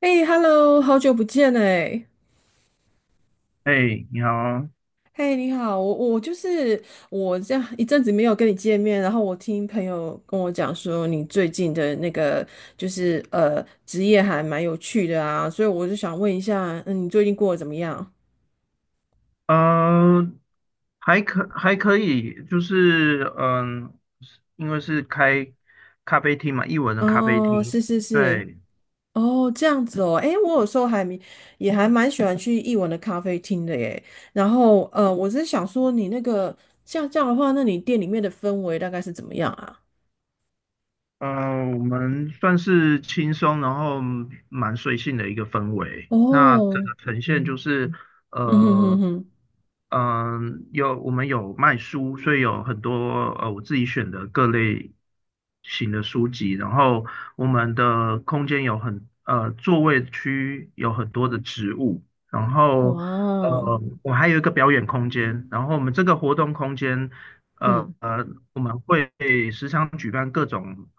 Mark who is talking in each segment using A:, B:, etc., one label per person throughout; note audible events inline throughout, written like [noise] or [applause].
A: 哎，Hello，好久不见哎！
B: 哎，你好。
A: 嘿，你好，我就是我这样一阵子没有跟你见面，然后我听朋友跟我讲说你最近的那个就是职业还蛮有趣的啊，所以我就想问一下，你最近过得怎么样？
B: 呃，还可以，就是是因为是开咖啡厅嘛，艺文的咖啡
A: 哦，
B: 厅，
A: 是是是，
B: 对。
A: 哦，这样子哦，哎，我有时候还蛮喜欢去艺文的咖啡厅的耶。然后我只是想说你那个像这样的话，那你店里面的氛围大概是怎么样啊？
B: 呃，我们算是轻松，然后蛮随性的一个氛围。那整
A: 哦。
B: 个呈现就是，
A: 嗯哼
B: 呃，
A: 哼哼，
B: 我们有卖书，所以有很多我自己选的各类型的书籍。然后我们的空间座位区有很多的植物，然后
A: 哇，
B: 我还有一个表演空间。然后我们这个活动空间呃
A: 嗯，
B: 呃我们会时常举办各种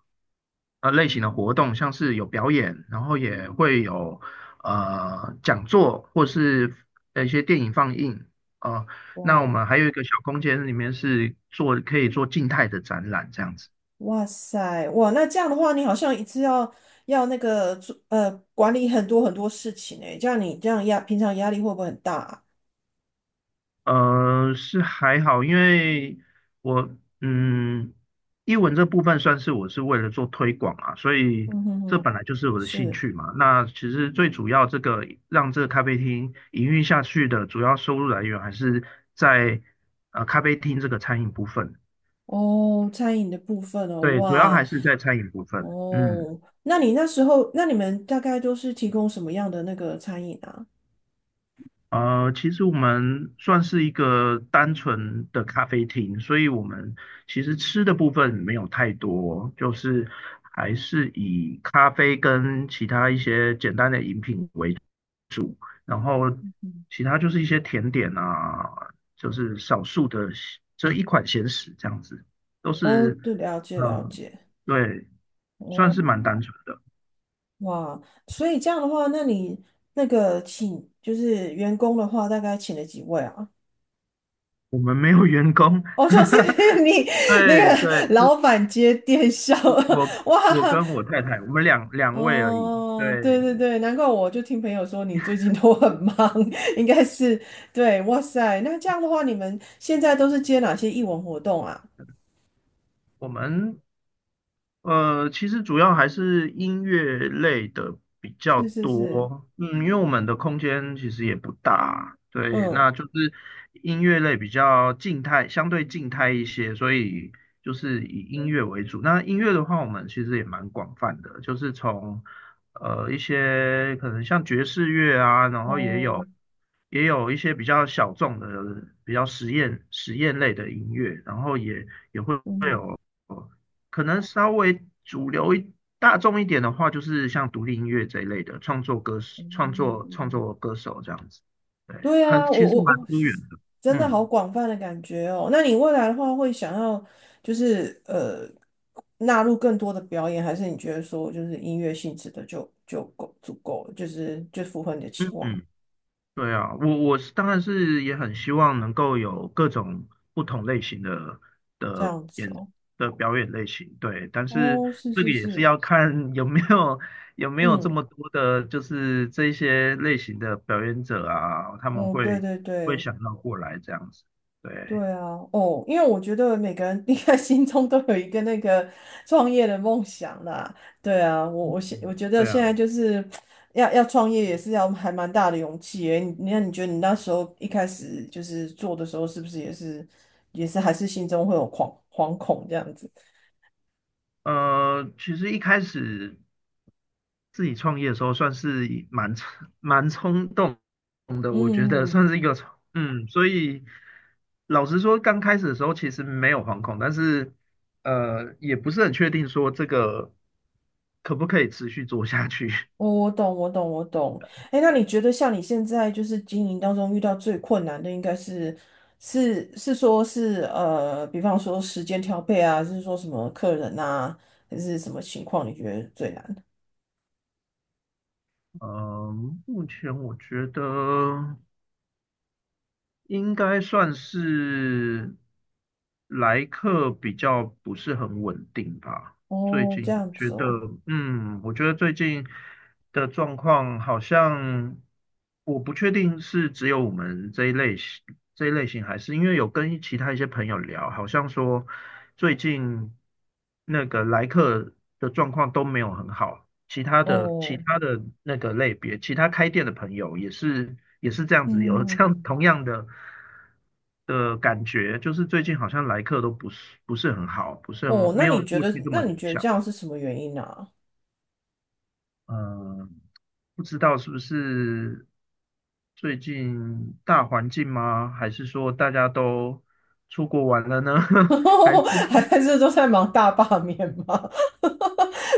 B: 类型的活动，像是有表演，然后也会有讲座或是一些电影放映。哦，那我
A: 哇，
B: 们还有一个小空间，里面可以做静态的展览这样子。
A: 哇塞，哇，那这样的话，你好像一次要那个做管理很多很多事情诶，这样你这样平常压力会不会很大啊。
B: 是还好，因为我嗯，英文这部分算是我是为了做推广啊，所以
A: 嗯哼
B: 这
A: 哼，
B: 本来就是我的兴
A: 是。
B: 趣嘛。那其实最主要这个让这个咖啡厅营运下去的主要收入来源还是在咖啡厅这个餐饮部分，
A: 哦，餐饮的部分哦，
B: 对，主要
A: 哇。
B: 还是在餐饮部分，嗯。
A: 哦，那你那时候那你们大概都是提供什么样的那个餐饮啊？
B: 其实我们算是一个单纯的咖啡厅，所以我们其实吃的部分没有太多，就是还是以咖啡跟其他一些简单的饮品为主，然后其他就是一些甜点啊，就是少数的这一款咸食这样子，都
A: 哦，
B: 是
A: 对，了解了
B: 呃，
A: 解，
B: 对，算
A: 哦。
B: 是蛮单纯的。
A: 哇，所以这样的话，那你那个请就是员工的话，大概请了几位啊？
B: 我们没有员工，
A: 哦，就是 [laughs]
B: [laughs]
A: 你那
B: 对
A: 个
B: 对，
A: 老板接电销，
B: 我我
A: [laughs] 哇，
B: 我跟我太太，我们两位而已。
A: 哦，对对
B: 对，
A: 对，难怪我就听朋友说你最近都很忙，[laughs] 应该是对，哇塞，那这样的话，你们现在都是接哪些艺文活动啊？
B: 我们其实主要还是音乐类的比较
A: 是是是，
B: 多，嗯，因为我们的空间其实也不大，对，
A: 嗯，
B: 那就是音乐类比较静态，相对静态一些，所以就是以音乐为主。那音乐的话，我们其实也蛮广泛的，就是从一些可能像爵士乐啊，然后也
A: 哦，
B: 有也有一些比较小众的、比较实验类的音乐，然后也会。
A: 嗯哼，
B: 可能稍微主流一大众一点的话，就是像独立音乐这一类的创作歌手创作创
A: 嗯，
B: 作歌手这样子。对，
A: 对啊，我
B: 其实
A: 我
B: 蛮
A: 我
B: 多元的。
A: 真的好
B: 嗯
A: 广泛的感觉哦。那你未来的话，会想要就是纳入更多的表演，还是你觉得说就是音乐性质的就就够足够了，就是符合你的期
B: 嗯
A: 望
B: 嗯，对啊，我是当然是也很希望能够有各种不同类型
A: 这
B: 的
A: 样子
B: 演
A: 哦？
B: 的表演类型，对，但是
A: 哦，是
B: 这个
A: 是
B: 也是
A: 是，
B: 要看有没有这
A: 嗯
B: 么多的，就是这一些类型的表演者啊，他们
A: 嗯，对
B: 会
A: 对
B: 会
A: 对。
B: 想要过来这样子。对，
A: 对啊，哦，因为我觉得每个人 [laughs] 应该心中都有一个那个创业的梦想啦。对啊，我觉得
B: 对啊，
A: 现在就是要创业也是要还蛮大的勇气诶。你觉得你那时候一开始就是做的时候，是不是也是还是心中会有惶恐这样子？
B: 其实一开始。自己创业的时候算是蛮冲动的，
A: 嗯
B: 我觉
A: 嗯
B: 得
A: 嗯，
B: 算是一个冲，所以老实说，刚开始的时候其实没有惶恐，但是也不是很确定说这个可不可以持续做下去。[laughs]
A: 我懂，我懂，我懂。哎，那你觉得像你现在就是经营当中遇到最困难的，应该是是是说是，比方说时间调配啊，还是说什么客人啊，还是什么情况你觉得最难？
B: 嗯，目前我觉得，应该算是来客比较不是很稳定吧。最
A: 哦，这
B: 近
A: 样
B: 觉
A: 子
B: 得，
A: 哦，
B: 我觉得最近的状况好像，我不确定是只有我们这一类型，还是因为有跟其他一些朋友聊，好像说最近那个来客的状况都没有很好。其他的其
A: 哦，
B: 他的那个类别，其他开店的朋友也是这样
A: 嗯
B: 子，有
A: 哼哼
B: 这样 [laughs]
A: 哼，
B: 同样的感觉，就是最近好像来客都不是很好，不是
A: 哦，
B: 很没
A: 那
B: 有
A: 你觉
B: 过去
A: 得
B: 这
A: 那
B: 么
A: 你
B: 理
A: 觉得
B: 想。
A: 这样是什么原因呢？
B: 嗯，不知道是不是最近大环境吗？还是说大家都出国玩了呢？[laughs] 还是
A: [laughs] 还是都在忙大罢免吗？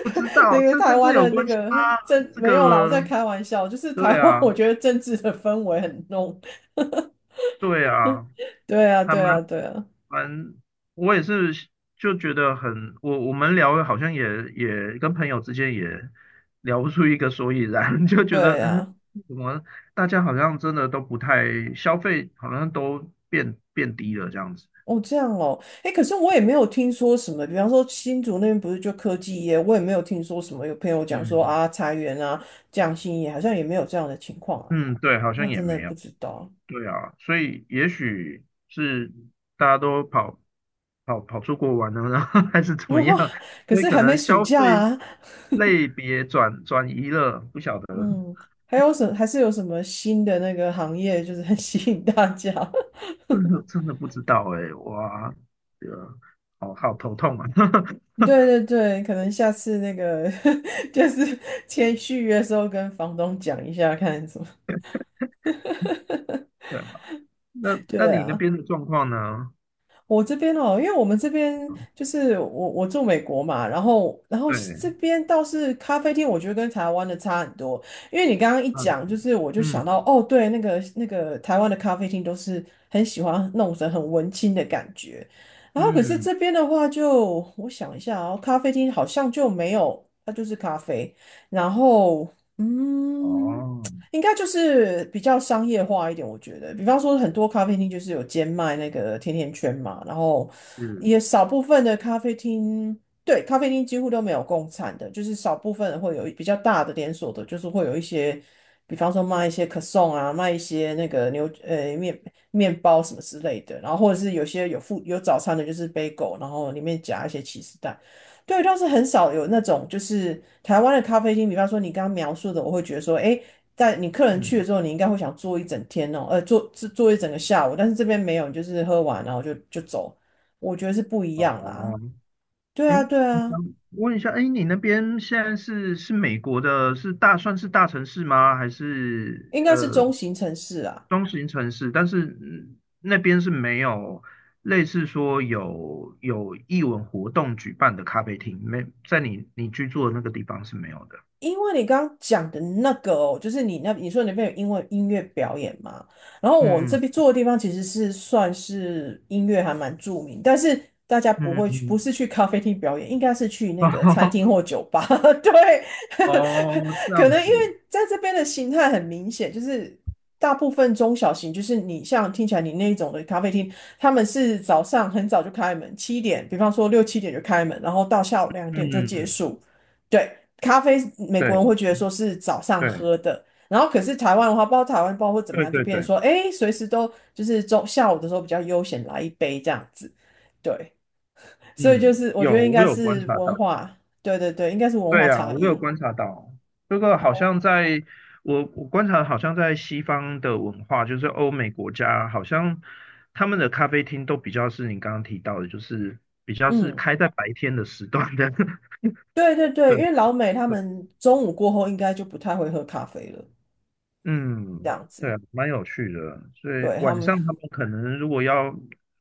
B: 不知
A: [laughs] 那
B: 道，
A: 个
B: 这
A: 台
B: 跟这
A: 湾
B: 有
A: 的那
B: 关系
A: 个
B: 吗？这
A: 没有啦，我在
B: 个，
A: 开玩笑，就是台
B: 对
A: 湾，我
B: 啊，
A: 觉得政治的氛围很浓。
B: 对啊。
A: 对啊，
B: 还
A: 对
B: 蛮
A: 啊，对啊，
B: 蛮，我也是就觉得很，我们聊好像也跟朋友之间也聊不出一个所以然，[laughs] 就觉得
A: 对啊。
B: 怎么大家好像真的都不太消费，好像都变低了这样子。
A: 哦，这样哦，哎，可是我也没有听说什么，比方说新竹那边不是就科技业，我也没有听说什么有朋友讲说
B: 嗯
A: 啊，裁员啊，降薪也好像也没有这样的情况啊，
B: 嗯，对，好
A: 那
B: 像也
A: 真的
B: 没
A: 不
B: 有。
A: 知道。
B: 对啊，所以也许是大家都跑出国玩了，然后 [laughs] 还是怎么样，
A: [laughs] 可
B: 所以
A: 是
B: 可
A: 还没
B: 能
A: 暑
B: 消
A: 假
B: 费
A: 啊。
B: 类别转移了，不晓得。
A: 嗯，还是有什么新的那个行业，就是很 [laughs] 吸引大家？[laughs]
B: [laughs] 真的真的不知道哎、哇，呃，好好头痛啊。
A: 对
B: [laughs]
A: 对对，可能下次那个 [laughs] 就是签续约的时候跟房东讲一下，看什么。
B: 对啊，那
A: [laughs]
B: 那
A: 对
B: 你那
A: 啊。
B: 边的状况呢？
A: 我这边哦，因为我们这边就是我住美国嘛，然后这
B: 对，
A: 边倒是咖啡厅，我觉得跟台湾的差很多。因为你刚刚一
B: 嗯
A: 讲，就是我就想到
B: 嗯
A: 哦，对，那个台湾的咖啡厅都是很喜欢弄成很文青的感觉，然后可是
B: 嗯，
A: 这边的话就，我想一下哦，咖啡厅好像就没有，它就是咖啡，然后嗯。
B: 哦，
A: 应该就是比较商业化一点，我觉得，比方说很多咖啡厅就是有兼卖那个甜甜圈嘛，然后
B: 是，
A: 也少部分的咖啡厅，对，咖啡厅几乎都没有供餐的，就是少部分会有比较大的连锁的，就是会有一些，比方说卖一些可颂啊，卖一些那个面包什么之类的，然后或者是有些有附有早餐的，就是 b 狗，然后里面夹一些起司蛋。对，倒是很少有那种，就是台湾的咖啡厅，比方说你刚刚描述的，我会觉得说，诶，在你客人去了
B: 嗯，
A: 之后，你应该会想坐一整天哦，坐一整个下午，但是这边没有，你就是喝完然后就走，我觉得是不一样啦。
B: 哦，
A: 对啊，
B: 嗯，
A: 对啊，
B: 想问一下，哎，你那边现在是美国的，算是大城市吗？还是
A: 应该是中型城市啊。
B: 中型城市？但是那边是没有类似说有艺文活动举办的咖啡厅，没在你居住的那个地方是没有的。
A: 因为你刚刚讲的那个哦，就是你说你那边有英文音乐表演嘛，然后我这边
B: 嗯
A: 住的地方其实是算是音乐还蛮著名，但是大家不
B: 嗯
A: 会去，不
B: 嗯，
A: 是去咖啡厅表演，应该是去
B: [laughs]
A: 那个餐
B: 哦
A: 厅或酒吧。[laughs] 对，
B: 哦，这
A: [laughs] 可
B: 样
A: 能因
B: 子，
A: 为在这边的形态很明显，就是大部分中小型，就是你像听起来你那种的咖啡厅，他们是早上很早就开门，七点，比方说6、7点就开门，然后到下午两
B: 嗯
A: 点就结
B: 嗯，
A: 束。对，咖啡美国人
B: 对
A: 会觉得说是早上
B: 对
A: 喝的，然后可是台湾的话，不知道台湾包括怎么
B: 对
A: 样，就
B: 对
A: 变成
B: 对，
A: 说，哎，随时都就是中下午的时候比较悠闲来一杯这样子，对，所以就
B: 嗯，
A: 是我
B: 有
A: 觉得应
B: 我
A: 该
B: 有观
A: 是
B: 察
A: 文
B: 到。
A: 化，对对对，应该是文
B: 对
A: 化
B: 呀，
A: 差
B: 我有
A: 异，
B: 观察到，这个好
A: 哦，
B: 像在我观察，好像在西方的文化，就是欧美国家，好像他们的咖啡厅都比较是你刚刚提到的，就是比较是
A: 嗯，
B: 开在白天的时段的。[laughs]
A: 对对对，
B: 对，
A: 因为老美他们中午过后应该就不太会喝咖啡了，这
B: 嗯，
A: 样
B: 对啊，
A: 子，
B: 蛮有趣的。所以
A: 对他
B: 晚
A: 们，
B: 上他们可能如果要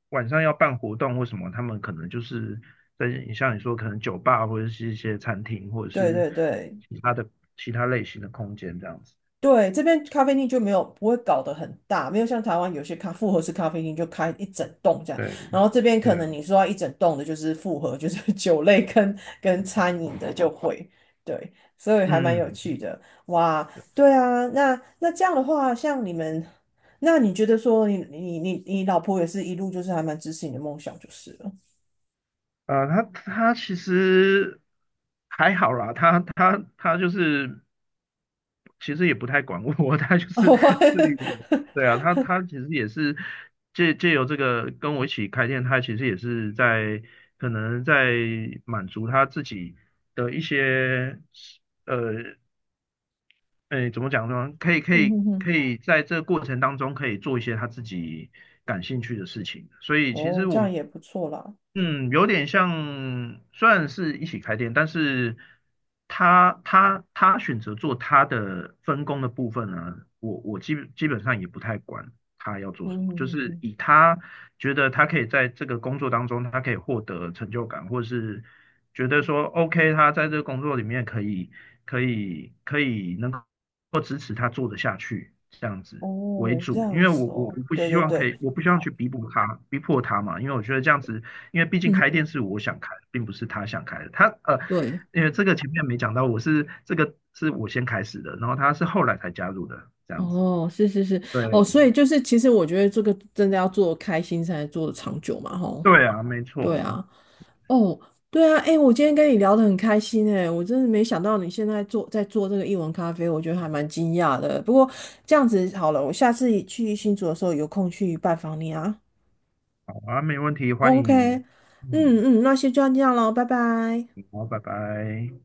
B: 晚上要办活动或什么，他们可能就是在像你说，可能酒吧或者是一些餐厅，或者
A: 对
B: 是
A: 对对，
B: 其他的其他类型的空间这样子。
A: 对，这边咖啡厅就没有不会搞得很大，没有像台湾有些复合式咖啡厅就开一整栋这样，
B: 对。
A: 然后这边
B: 对
A: 可能
B: 啊，
A: 你说要一整栋的就是复合，就是 [laughs] 酒类跟餐饮的就会，对，所以还蛮
B: 嗯，
A: 有趣的，哇，对啊，那这样的话，像你们，那你觉得说你老婆也是一路就是还蛮支持你的梦想就是了，
B: 啊、他其实还好啦，他就是其实也不太管我，[laughs] 他就是
A: [laughs]
B: 自律我。对啊，他其实也是借由这个跟我一起开店，他其实也是在可能在满足他自己的一些呃诶怎么讲呢？可以可
A: 嗯
B: 以
A: 哼
B: 可
A: 哼，
B: 以在这个过程当中可以做一些他自己感兴趣的事情，所以其实
A: 哦，这
B: 我们
A: 样也不错啦。
B: 嗯，有点像，虽然是一起开店，但是他选择做他的分工的部分呢，我基本上也不太管他要做
A: 嗯
B: 什么，就
A: 嗯
B: 是
A: 嗯，
B: 以他觉得他可以在这个工作当中，他可以获得成就感，或是觉得说 OK，他在这个工作里面可以能够支持他做得下去这样子。为
A: 哦，这
B: 主，因
A: 样
B: 为我
A: 子
B: 我
A: 哦，
B: 我不
A: 对
B: 希
A: 对
B: 望可
A: 对，
B: 以，我不希望去逼迫他，逼迫他嘛，因为我觉得这样子，因为毕竟
A: 嗯，
B: 开店是我想开，并不是他想开的。
A: 对，
B: 因为这个前面没讲到，我是这个是我先开始的，然后他是后来才加入的，这样子。
A: 哦，是是是，哦，
B: 对，
A: 所以就是，其实我觉得这个真的要做开心才能做得长久嘛，吼。
B: 对啊，没
A: 对
B: 错，
A: 啊，哦，对啊，哎，我今天跟你聊得很开心哎，我真的没想到你现在在做这个译文咖啡，我觉得还蛮惊讶的。不过这样子好了，我下次去新竹的时候有空去拜访你啊。
B: 好啊，没问题，欢
A: OK,
B: 迎，
A: 嗯
B: 嗯，
A: 嗯，那先就这样咯，拜拜。
B: 好，拜拜。